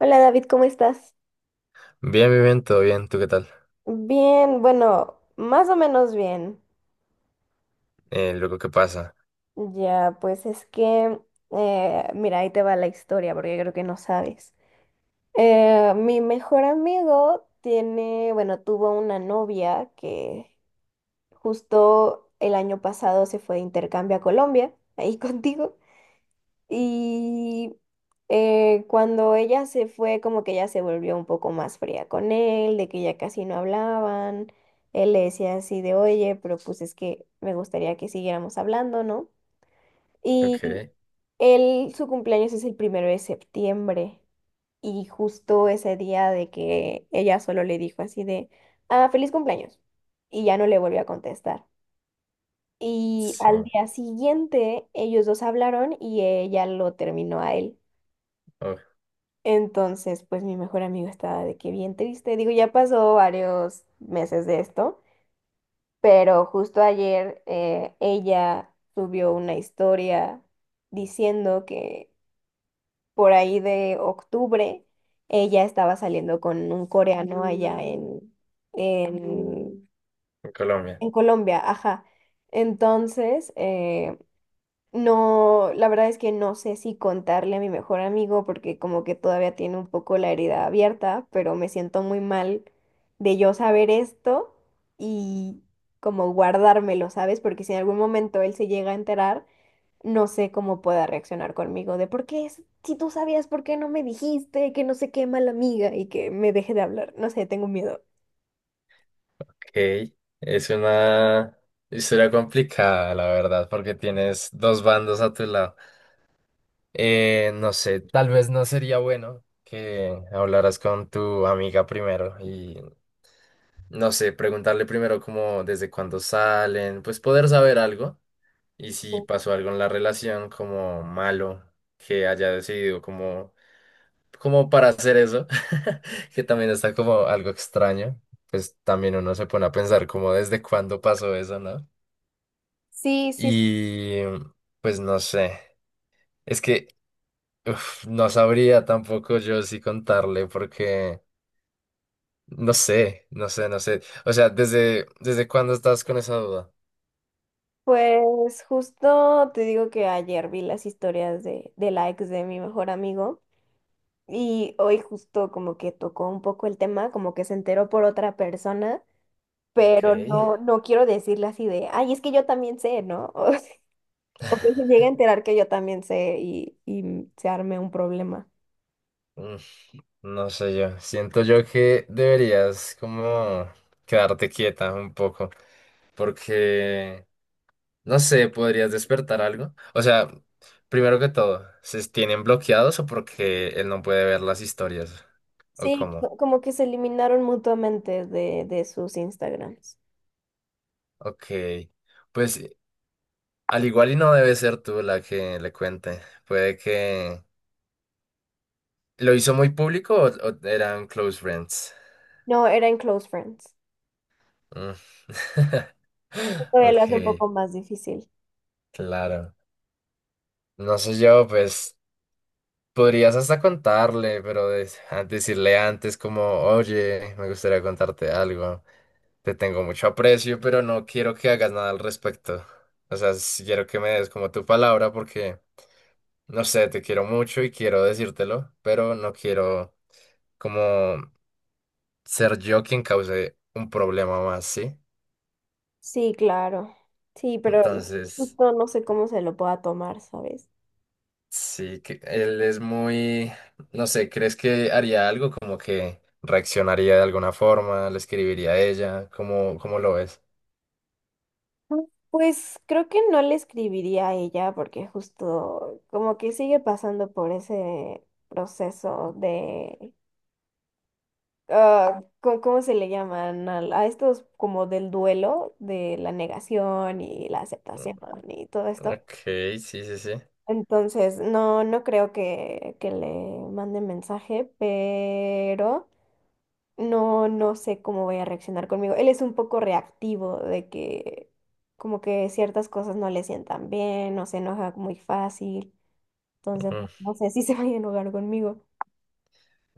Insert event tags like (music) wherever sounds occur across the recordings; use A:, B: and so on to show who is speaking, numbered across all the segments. A: Hola David, ¿cómo estás?
B: Bien, bien, bien, todo bien. ¿Tú qué tal?
A: Bien, bueno, más o menos bien.
B: Luego, ¿qué pasa?
A: Ya, pues es que, mira, ahí te va la historia porque creo que no sabes. Mi mejor amigo tiene, bueno, tuvo una novia que justo el año pasado se fue de intercambio a Colombia, ahí (laughs) contigo. Y cuando ella se fue, como que ella se volvió un poco más fría con él, de que ya casi no hablaban. Él le decía así de, oye, pero pues es que me gustaría que siguiéramos hablando, ¿no? Y
B: Ok,
A: él, su cumpleaños es el primero de septiembre. Y justo ese día de que ella solo le dijo así de, ah, feliz cumpleaños. Y ya no le volvió a contestar. Y
B: sí.
A: al día siguiente ellos dos hablaron y ella lo terminó a él.
B: Oh,
A: Entonces, pues mi mejor amigo estaba de que bien triste. Digo, ya pasó varios meses de esto, pero justo ayer ella subió una historia diciendo que por ahí de octubre ella estaba saliendo con un coreano allá en,
B: en Colombia.
A: en Colombia, ajá. Entonces, no, la verdad es que no sé si contarle a mi mejor amigo porque como que todavía tiene un poco la herida abierta, pero me siento muy mal de yo saber esto y como guardármelo, ¿sabes? Porque si en algún momento él se llega a enterar, no sé cómo pueda reaccionar conmigo de por qué, si tú sabías, ¿por qué no me dijiste? Que no sé qué mala amiga y que me deje de hablar. No sé, tengo miedo.
B: Ok. Es una historia complicada, la verdad, porque tienes dos bandos a tu lado. No sé, tal vez no sería bueno que hablaras con tu amiga primero y, no sé, preguntarle primero como desde cuándo salen, pues poder saber algo y si pasó algo en la relación como malo, que haya decidido como para hacer eso, (laughs) que también está como algo extraño, pues también uno se pone a pensar como desde cuándo pasó eso, ¿no?
A: Sí, sí,
B: Y pues no sé, es que uf, no sabría tampoco yo si contarle porque no sé, no sé, no sé. O sea, ¿desde cuándo estás con esa duda?
A: pues justo te digo que ayer vi las historias de la ex de mi mejor amigo. Y hoy justo como que tocó un poco el tema, como que se enteró por otra persona,
B: Ok,
A: pero no, no quiero decirle así de, ay, es que yo también sé, ¿no? (laughs) O sea, o que se llegue a enterar que yo también sé y se arme un problema.
B: mm, no sé yo, siento yo que deberías como quedarte quieta un poco porque. No sé, ¿podrías despertar algo? O sea, primero que todo, ¿se tienen bloqueados o porque él no puede ver las historias? ¿O
A: Sí,
B: cómo?
A: como que se eliminaron mutuamente de sus Instagrams.
B: Ok. Pues al igual y no debe ser tú la que le cuente. Puede que. ¿Lo hizo muy público o eran Close Friends?
A: No, era en Close Friends.
B: Mm. (laughs)
A: Todavía lo hace un
B: Ok,
A: poco más difícil.
B: claro. No sé yo, pues, podrías hasta contarle, pero decirle antes como, oye, me gustaría contarte algo. Te tengo mucho aprecio, pero no quiero que hagas nada al respecto. O sea, sí quiero que me des como tu palabra porque, no sé, te quiero mucho y quiero decírtelo, pero no quiero como ser yo quien cause un problema más, ¿sí?
A: Sí, claro. Sí, pero
B: Entonces.
A: justo no sé cómo se lo pueda tomar, ¿sabes?
B: Sí, que él es muy, no sé, ¿crees que haría algo como que reaccionaría de alguna forma, le escribiría a ella? ¿Cómo lo ves?
A: Pues creo que no le escribiría a ella porque justo como que sigue pasando por ese proceso de, ah, ¿cómo se le llaman? A, estos como del duelo, de la negación y la aceptación y todo esto.
B: Ok, sí, sí, sí.
A: Entonces, no, no creo que le mande mensaje, pero no, no sé cómo vaya a reaccionar conmigo. Él es un poco reactivo de que como que ciertas cosas no le sientan bien, no se enoja muy fácil. Entonces,
B: Ujú.
A: no sé si (laughs) se vaya a enojar conmigo.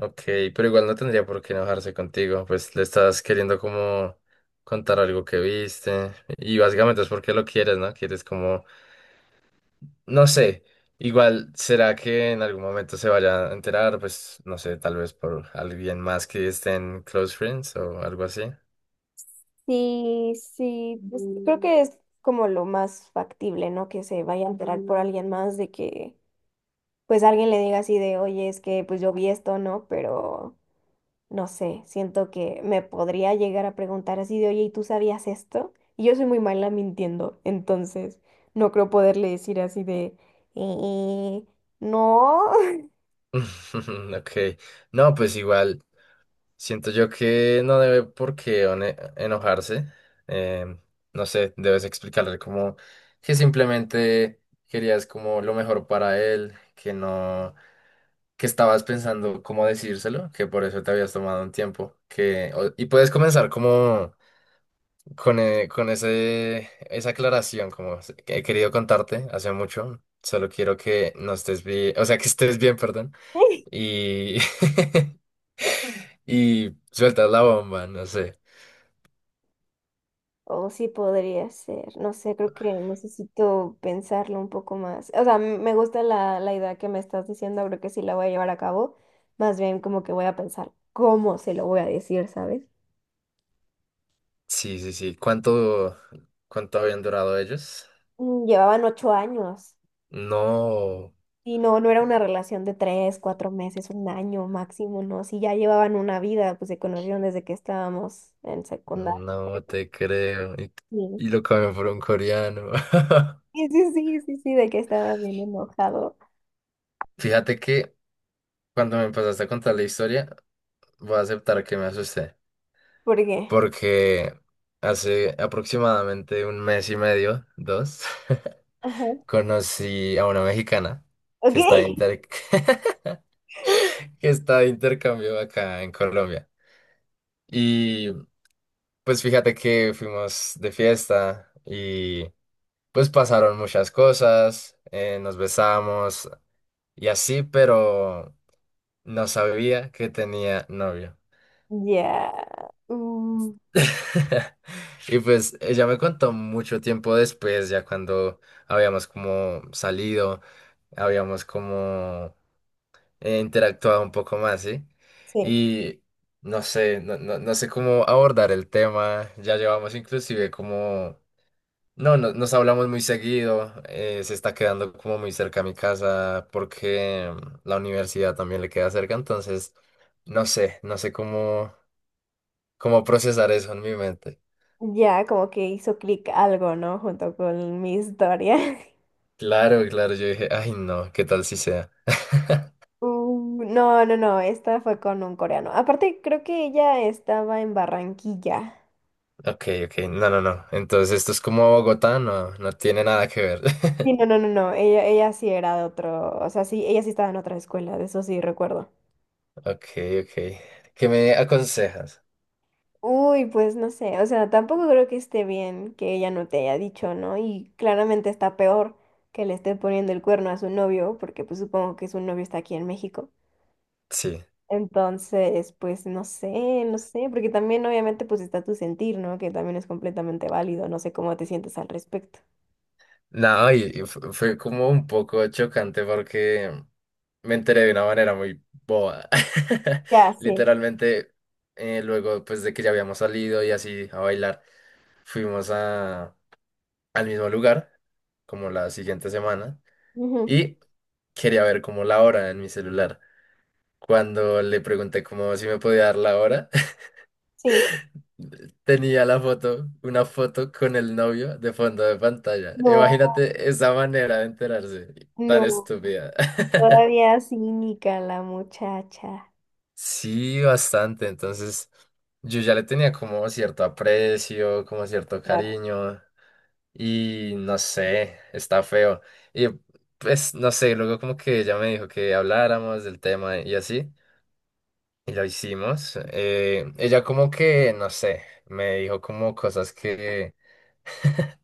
B: Ok, pero igual no tendría por qué enojarse contigo, pues le estás queriendo como contar algo que viste y básicamente es porque lo quieres, ¿no? Quieres como, no sé, igual será que en algún momento se vaya a enterar, pues no sé, tal vez por alguien más que esté en Close Friends o algo así.
A: Sí, sí, pues creo que es como lo más factible, ¿no? Que se vaya a enterar por alguien más de que pues alguien le diga así de, oye, es que pues yo vi esto, ¿no? Pero no sé, siento que me podría llegar a preguntar así de, oye, ¿y tú sabías esto? Y yo soy muy mala mintiendo, entonces no creo poderle decir así de, "Eh, no".
B: (laughs) Ok, no, pues igual, siento yo que no debe por qué enojarse, em, no sé, debes explicarle como que simplemente querías como lo mejor para él, que no, que estabas pensando cómo decírselo, que por eso te habías tomado un tiempo, que, y puedes comenzar como con esa aclaración, como "He querido contarte hace mucho, solo quiero que no estés bien, o sea, que estés bien, perdón.
A: (laughs)
B: Y (laughs) y sueltas la bomba, no sé.
A: O sí podría ser, no sé, creo que necesito pensarlo un poco más. O sea, me gusta la idea que me estás diciendo, creo que sí la voy a llevar a cabo. Más bien como que voy a pensar cómo se lo voy a decir, ¿sabes?
B: Sí, sí, sí. ¿Cuánto habían durado ellos?
A: Llevaban 8 años.
B: No,
A: Y no, no era una relación de 3, 4 meses, un año máximo, ¿no? Si ya llevaban una vida, pues se conocieron desde que estábamos en secundaria.
B: no te creo. Y,
A: Sí,
B: y lo cambió por un coreano. (laughs)
A: sí, sí, sí, sí, sí, de que estaba bien enojado.
B: Fíjate que cuando me empezaste a contar la historia, voy a aceptar que me asusté.
A: ¿Por qué?
B: Porque hace aproximadamente un mes y medio, dos,
A: Ajá.
B: (laughs) conocí a una mexicana
A: Ok.
B: que está de
A: (laughs)
B: (laughs) que está de intercambio acá en Colombia. Y pues fíjate que fuimos de fiesta y pues pasaron muchas cosas, nos besamos y así, pero no sabía que tenía novio.
A: Ya. Mm,
B: (laughs) Y pues ella me contó mucho tiempo después, ya cuando habíamos como salido, habíamos como interactuado un poco más, ¿sí?
A: sí.
B: Y no sé, no, no, no sé cómo abordar el tema, ya llevamos inclusive como no, nos hablamos muy seguido. Se está quedando como muy cerca a mi casa porque la universidad también le queda cerca. Entonces, no sé, no sé cómo procesar eso en mi mente.
A: Ya como que hizo clic algo, ¿no? Junto con mi historia. (laughs)
B: Claro, claro, yo dije, ay, no, ¿qué tal si sea? (laughs)
A: Mm, no, no, no. Esta fue con un coreano. Aparte, creo que ella estaba en Barranquilla.
B: Ok, ok, no, no, no. Entonces, esto es como Bogotá, no, no tiene nada que ver.
A: Sí,
B: (laughs)
A: no, no, no, no. Ella sí era de otro, o sea, sí, ella sí estaba en otra escuela, de eso sí recuerdo.
B: Ok, ok. ¿Qué me aconsejas?
A: Uy, pues no sé, o sea, tampoco creo que esté bien que ella no te haya dicho, ¿no? Y claramente está peor que le esté poniendo el cuerno a su novio, porque pues supongo que su novio está aquí en México.
B: Sí.
A: Entonces, pues no sé, no sé, porque también obviamente pues está tu sentir, ¿no? Que también es completamente válido, no sé cómo te sientes al respecto.
B: No, y fue como un poco chocante porque me enteré de una manera muy boba. (laughs)
A: Ya, sí.
B: Literalmente, luego pues de que ya habíamos salido y así a bailar, fuimos al mismo lugar, como la siguiente semana,
A: Ujú,
B: y quería ver como la hora en mi celular. Cuando le pregunté como si me podía dar la hora,
A: sí.
B: tenía la foto, una foto con el novio de fondo de pantalla.
A: No,
B: Imagínate esa manera de enterarse, tan
A: no,
B: estúpida. (laughs)
A: todavía cínica la muchacha.
B: Sí, bastante. Entonces, yo ya le tenía como cierto aprecio, como cierto
A: Claro,
B: cariño, y no sé, está feo. Y pues, no sé, luego como que ella me dijo que habláramos del tema y así, y lo hicimos. Ella como que, no sé, me dijo como cosas que (laughs)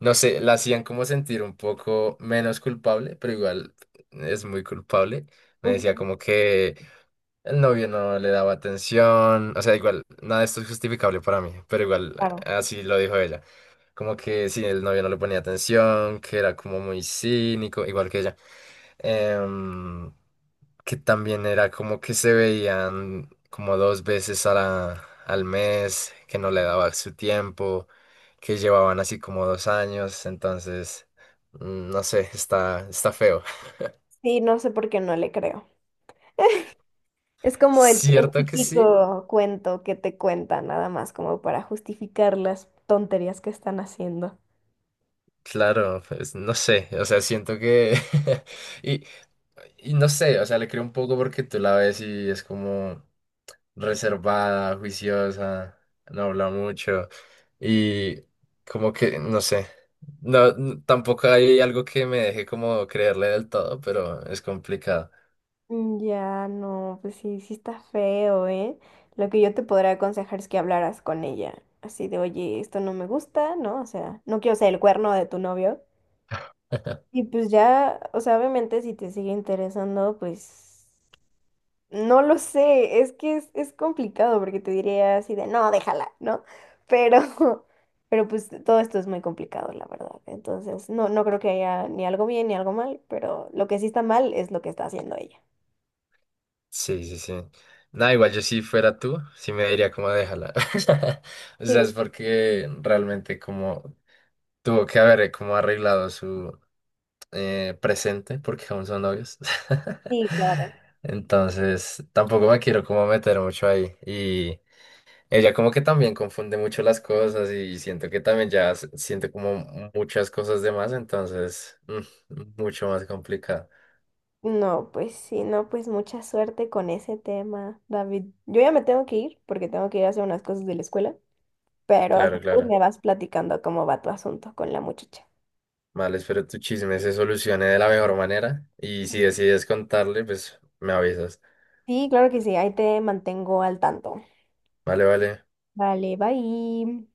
B: no sé, la hacían como sentir un poco menos culpable, pero igual es muy culpable. Me decía
A: ujú,
B: como que el novio no le daba atención, o sea, igual, nada de esto es justificable para mí, pero igual,
A: claro.
B: así lo dijo ella. Como que sí, el novio no le ponía atención, que era como muy cínico, igual que ella. Em, que también era como que se veían como 2 veces al mes, que no le daba su tiempo, que llevaban así como 2 años, entonces, no sé, está feo. (laughs)
A: Sí, no sé por qué no le creo. Es como el
B: Cierto que sí,
A: típico cuento que te cuentan, nada más como para justificar las tonterías que están haciendo.
B: claro, pues no sé, o sea, siento que. (laughs) y, y no sé, o sea, le creo un poco porque tú la ves y es como reservada, juiciosa, no habla mucho y como que, no sé, no, tampoco hay algo que me deje como creerle del todo, pero es complicado.
A: Mm, ya, no, pues sí, sí está feo, ¿eh? Lo que yo te podría aconsejar es que hablaras con ella, así de, oye, esto no me gusta, ¿no? O sea, no quiero ser el cuerno de tu novio. Y
B: (laughs)
A: pues ya, o sea, obviamente si te sigue interesando, pues no lo sé, es que es complicado porque te diría así de, no, déjala, ¿no? Pero, (laughs) pero pues todo esto es muy complicado, la verdad. Entonces, no, no creo que haya ni algo bien ni algo mal, pero lo que sí está mal es lo que está haciendo ella.
B: Sí, sí, sí. Nada, igual yo si fuera tú, sí me diría como déjala. (laughs) O sea, es
A: Sí,
B: porque realmente como tuvo que haber como arreglado su, presente porque aún son novios. (laughs)
A: sí, claro.
B: Entonces, tampoco me quiero como meter mucho ahí. Y ella como que también confunde mucho las cosas y siento que también ya siente como muchas cosas de más, entonces, mucho más complicado.
A: No, pues sí, no, pues mucha suerte con ese tema, David. Yo ya me tengo que ir porque tengo que ir a hacer unas cosas de la escuela. Pero si
B: Claro,
A: quieres
B: claro.
A: me vas platicando cómo va tu asunto con la muchacha.
B: Vale, espero tu chisme se solucione de la mejor manera y si decides contarle, pues me avisas.
A: Sí, claro que sí, ahí te mantengo al tanto.
B: Vale, vale.
A: Vale, bye.